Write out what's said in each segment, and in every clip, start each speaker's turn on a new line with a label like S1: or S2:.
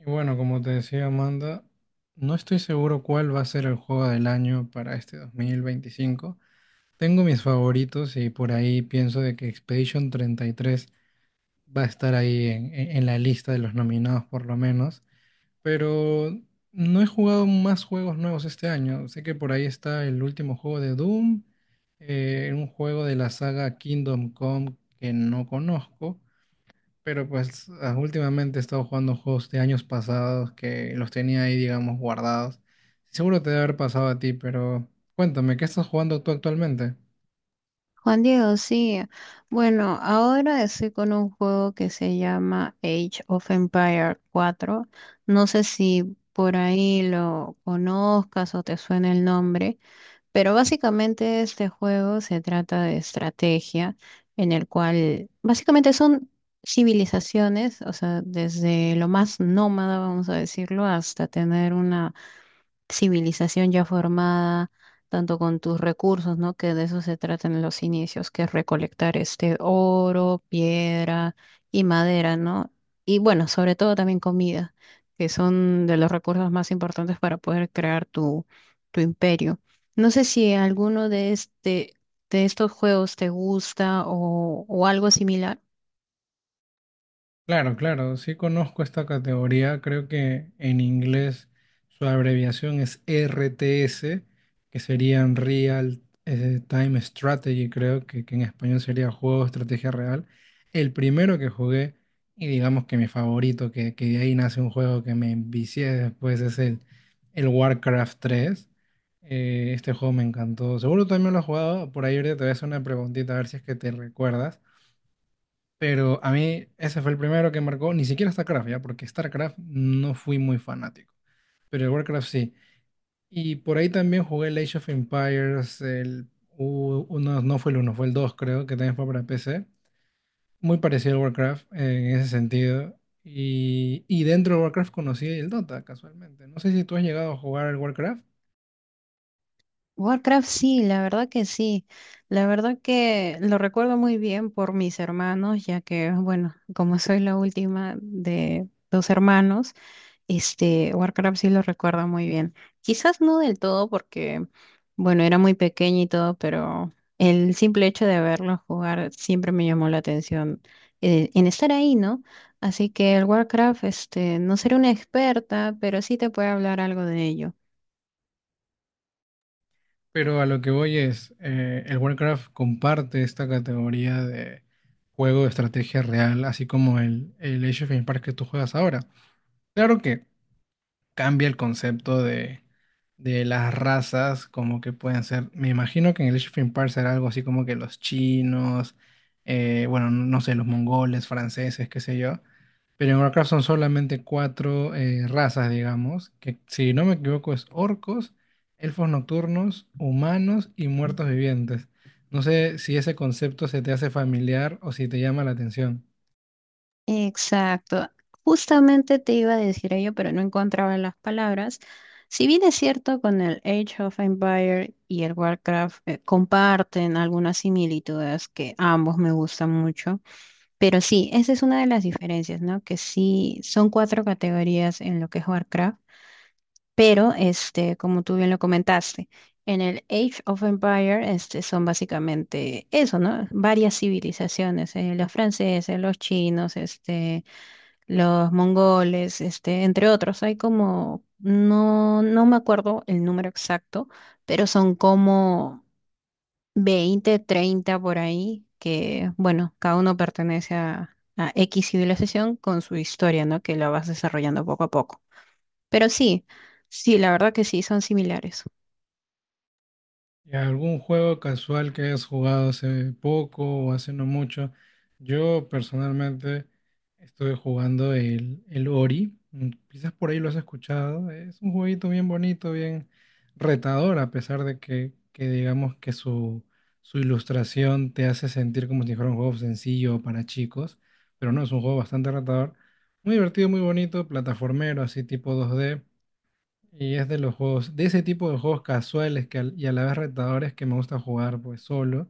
S1: Y bueno, como te decía Amanda, no estoy seguro cuál va a ser el juego del año para este 2025. Tengo mis favoritos y por ahí pienso de que Expedition 33 va a estar ahí en la lista de los nominados por lo menos. Pero no he jugado más juegos nuevos este año. Sé que por ahí está el último juego de Doom, un juego de la saga Kingdom Come que no conozco. Pero pues últimamente he estado jugando juegos de años pasados que los tenía ahí, digamos, guardados. Seguro te debe haber pasado a ti, pero cuéntame, ¿qué estás jugando tú actualmente?
S2: Juan Diego, sí. Bueno, ahora estoy con un juego que se llama Age of Empire 4. No sé si por ahí lo conozcas o te suena el nombre, pero básicamente este juego se trata de estrategia en el cual básicamente son civilizaciones, o sea, desde lo más nómada, vamos a decirlo, hasta tener una civilización ya formada, tanto con tus recursos, ¿no? Que de eso se trata en los inicios, que es recolectar este oro, piedra y madera, ¿no? Y bueno, sobre todo también comida, que son de los recursos más importantes para poder crear tu imperio. No sé si alguno de estos juegos te gusta o algo similar.
S1: Claro, claro, sí conozco esta categoría, creo que en inglés su abreviación es RTS, que serían Real Time Strategy, creo que en español sería Juego de Estrategia Real. El primero que jugué, y digamos que mi favorito, que de ahí nace un juego que me envicié después, es el Warcraft tres. Este juego me encantó, seguro tú también lo has jugado, por ahí ahorita te voy a hacer una preguntita a ver si es que te recuerdas. Pero a mí ese fue el primero que marcó, ni siquiera StarCraft, ¿ya? Porque StarCraft no fui muy fanático, pero el Warcraft sí. Y por ahí también jugué el Age of Empires, el uno, no fue el uno, fue el 2 creo, que también fue para PC. Muy parecido al Warcraft en ese sentido. Y dentro de Warcraft conocí el Dota, casualmente. No sé si tú has llegado a jugar al Warcraft.
S2: Warcraft sí, la verdad que sí. La verdad que lo recuerdo muy bien por mis hermanos, ya que, bueno, como soy la última de dos hermanos, este, Warcraft sí lo recuerdo muy bien. Quizás no del todo porque, bueno, era muy pequeña y todo, pero el simple hecho de verlo jugar siempre me llamó la atención en estar ahí, ¿no? Así que el Warcraft, este, no seré una experta, pero sí te puedo hablar algo de ello.
S1: Pero a lo que voy es, el Warcraft comparte esta categoría de juego de estrategia real, así como el Age of Empires que tú juegas ahora. Claro que cambia el concepto de las razas, como que pueden ser, me imagino que en el Age of Empires será algo así como que los chinos, bueno, no sé, los mongoles, franceses, qué sé yo. Pero en Warcraft son solamente cuatro razas, digamos, que si no me equivoco es orcos, elfos nocturnos, humanos y muertos vivientes. No sé si ese concepto se te hace familiar o si te llama la atención.
S2: Exacto. Justamente te iba a decir ello, pero no encontraba las palabras. Si bien es cierto, con el Age of Empire y el Warcraft comparten algunas similitudes que ambos me gustan mucho, pero sí, esa es una de las diferencias, ¿no? Que sí, son cuatro categorías en lo que es Warcraft, pero este, como tú bien lo comentaste, en el Age of Empire este, son básicamente eso, ¿no? Varias civilizaciones, los franceses, los chinos, este los mongoles, este, entre otros. Hay como, no, no me acuerdo el número exacto, pero son como 20, 30 por ahí, que bueno, cada uno pertenece a X civilización con su historia, ¿no? Que la vas desarrollando poco a poco. Pero sí, sí, la verdad que sí, son similares.
S1: Y algún juego casual que hayas jugado hace poco o hace no mucho. Yo personalmente estuve jugando el Ori. Quizás por ahí lo has escuchado. Es un jueguito bien bonito, bien retador, a pesar de que digamos que su ilustración te hace sentir como si fuera un juego sencillo para chicos. Pero no, es un juego bastante retador. Muy divertido, muy bonito, plataformero, así tipo dos d, y es de los juegos, de ese tipo de juegos casuales y a la vez retadores que me gusta jugar pues solo.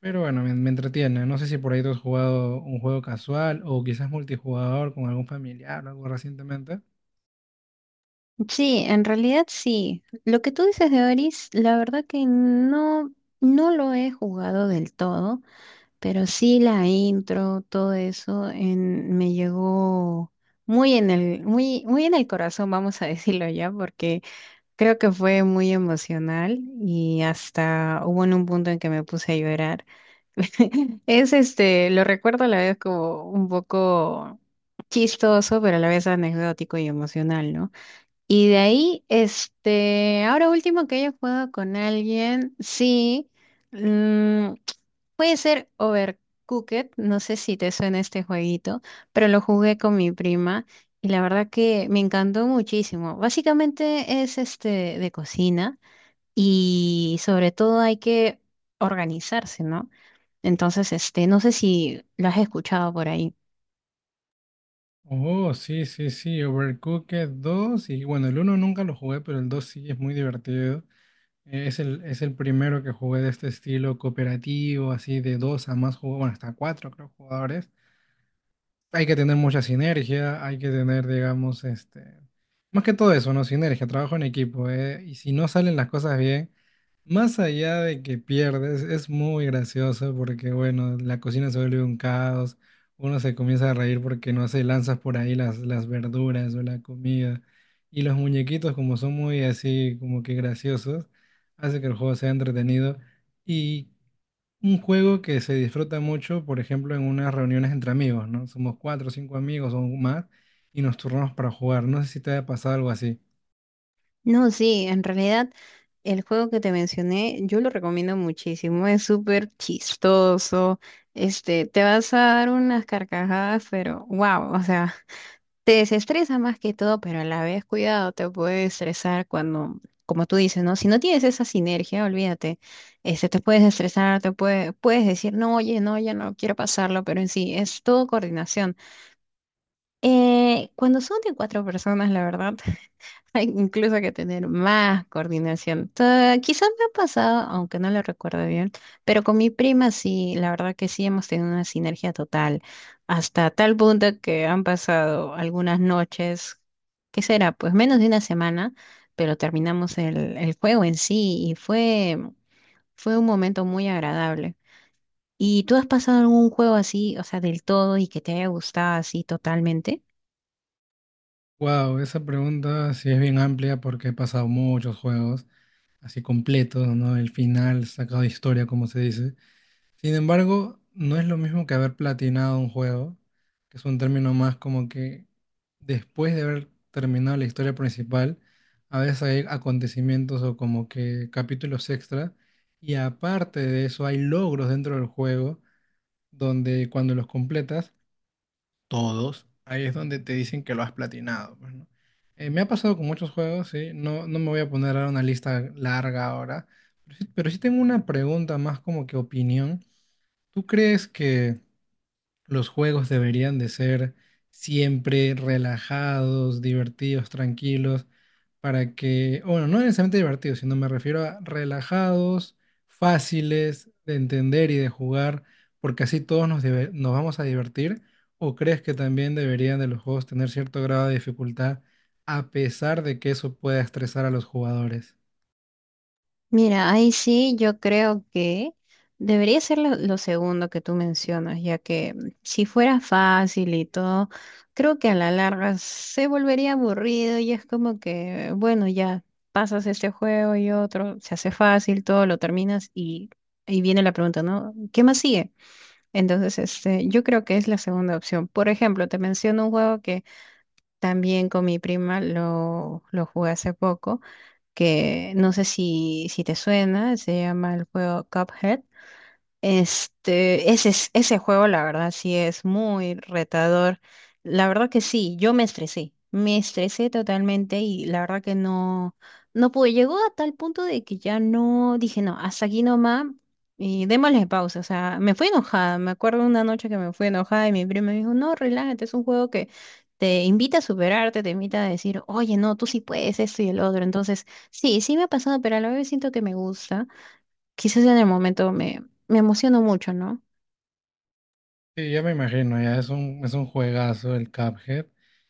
S1: Pero bueno, me entretiene. No sé si por ahí tú has jugado un juego casual o quizás multijugador con algún familiar o algo recientemente.
S2: Sí, en realidad sí. Lo que tú dices de Oris, la verdad que no, no lo he jugado del todo. Pero sí la intro, todo eso me llegó muy, muy en el corazón, vamos a decirlo ya, porque creo que fue muy emocional y hasta hubo en un punto en que me puse a llorar. Es este, lo recuerdo a la vez como un poco chistoso, pero a la vez anecdótico y emocional, ¿no? Y de ahí, este, ahora último que haya jugado con alguien, sí. mm, Puede ser Overcooked, no sé si te suena este jueguito, pero lo jugué con mi prima y la verdad que me encantó muchísimo. Básicamente es este de cocina y sobre todo hay que organizarse, ¿no? Entonces, este, no sé si lo has escuchado por ahí.
S1: Oh, sí, sí, sí, Overcooked dos. Y bueno, el uno nunca lo jugué, pero el 2 sí es muy divertido. Es es el primero que jugué de este estilo cooperativo, así de dos a más jugadores, bueno, hasta cuatro creo jugadores. Hay que tener mucha sinergia, hay que tener, digamos, este, más que todo eso, ¿no? Sinergia, trabajo en equipo, ¿eh? Y si no salen las cosas bien, más allá de que pierdes, es muy gracioso porque, bueno, la cocina se vuelve un caos, uno se comienza a reír porque, no sé, lanzas por ahí las verduras o la comida, y los muñequitos, como son muy así, como que graciosos, hace que el juego sea entretenido. Y un juego que se disfruta mucho, por ejemplo, en unas reuniones entre amigos, ¿no? Somos cuatro o cinco amigos o más y nos turnamos para jugar. No sé si te haya pasado algo así.
S2: No, sí, en realidad el juego que te mencioné yo lo recomiendo muchísimo, es súper chistoso, este, te vas a dar unas carcajadas, pero wow, o sea. Te desestresa más que todo, pero a la vez, cuidado, te puede estresar cuando, como tú dices, ¿no? Si no tienes esa sinergia, olvídate, este, te puedes estresar, puedes decir, no, oye, no, ya no quiero pasarlo, pero en sí, es todo coordinación. Cuando son de cuatro personas, la verdad, hay incluso que tener más coordinación. Quizás me ha pasado, aunque no lo recuerdo bien, pero con mi prima sí, la verdad que sí hemos tenido una sinergia total, hasta tal punto que han pasado algunas noches, ¿qué será? Pues menos de una semana, pero terminamos el juego en sí y fue un momento muy agradable. ¿Y tú has pasado algún juego así, o sea, del todo y que te haya gustado así totalmente?
S1: Wow, esa pregunta sí es bien amplia porque he pasado muchos juegos así completos, ¿no? El final sacado de historia, como se dice. Sin embargo, no es lo mismo que haber platinado un juego, que es un término más como que después de haber terminado la historia principal, a veces hay acontecimientos o como que capítulos extra, y aparte de eso hay logros dentro del juego donde cuando los completas, todos, ahí es donde te dicen que lo has platinado, pues, ¿no? Me ha pasado con muchos juegos, sí, no me voy a poner ahora una lista larga ahora, pero sí tengo una pregunta más como que opinión. ¿Tú crees que los juegos deberían de ser siempre relajados, divertidos, tranquilos, para que, bueno, no necesariamente divertidos, sino me refiero a relajados, fáciles de entender y de jugar, porque así todos nos vamos a divertir? ¿O crees que también deberían de los juegos tener cierto grado de dificultad, a pesar de que eso pueda estresar a los jugadores?
S2: Mira, ahí sí yo creo que debería ser lo segundo que tú mencionas, ya que si fuera fácil y todo, creo que a la larga se volvería aburrido y es como que, bueno, ya pasas este juego y otro, se hace fácil, todo lo terminas y viene la pregunta, ¿no? ¿Qué más sigue? Entonces, este, yo creo que es la segunda opción. Por ejemplo, te menciono un juego que también con mi prima lo jugué hace poco que no sé si te suena, se llama el juego Cuphead. Este, ese juego, la verdad, sí es muy retador. La verdad que sí, yo me estresé totalmente y la verdad que no, no pude. Llegó a tal punto de que ya no dije, no, hasta aquí nomás y démosle pausa. O sea, me fui enojada. Me acuerdo una noche que me fui enojada y mi primo me dijo, no, relájate, es un juego que te invita a superarte, te invita a decir, oye, no, tú sí puedes esto y el otro. Entonces, sí, sí me ha pasado, pero a la vez siento que me gusta quizás en el momento me emociono mucho, ¿no?
S1: Sí, ya me imagino, ya es un juegazo el Cuphead.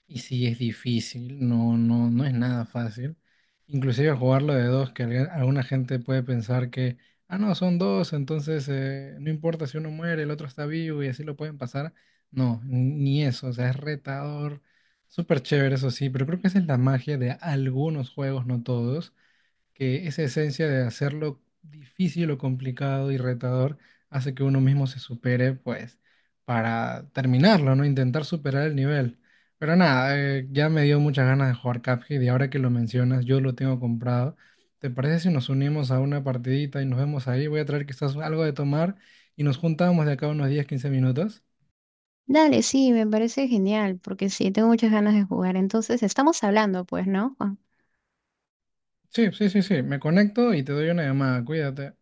S1: Y sí, es difícil, no es nada fácil. Inclusive jugarlo de dos, alguna gente puede pensar que, ah, no, son dos, entonces no importa si uno muere, el otro está vivo y así lo pueden pasar. No, ni eso, o sea, es retador, súper chévere, eso sí, pero creo que esa es la magia de algunos juegos, no todos, que esa esencia de hacerlo difícil o complicado y retador hace que uno mismo se supere, pues, para terminarlo, ¿no? Intentar superar el nivel. Pero nada, ya me dio muchas ganas de jugar Cuphead y ahora que lo mencionas, yo lo tengo comprado. ¿Te parece si nos unimos a una partidita y nos vemos ahí? Voy a traer quizás algo de tomar y nos juntamos de acá a unos 10, 15 minutos.
S2: Dale, sí, me parece genial, porque sí, tengo muchas ganas de jugar. Entonces, estamos hablando, pues, ¿no,
S1: Sí, sí, sí, sí, me conecto y te doy una llamada, cuídate.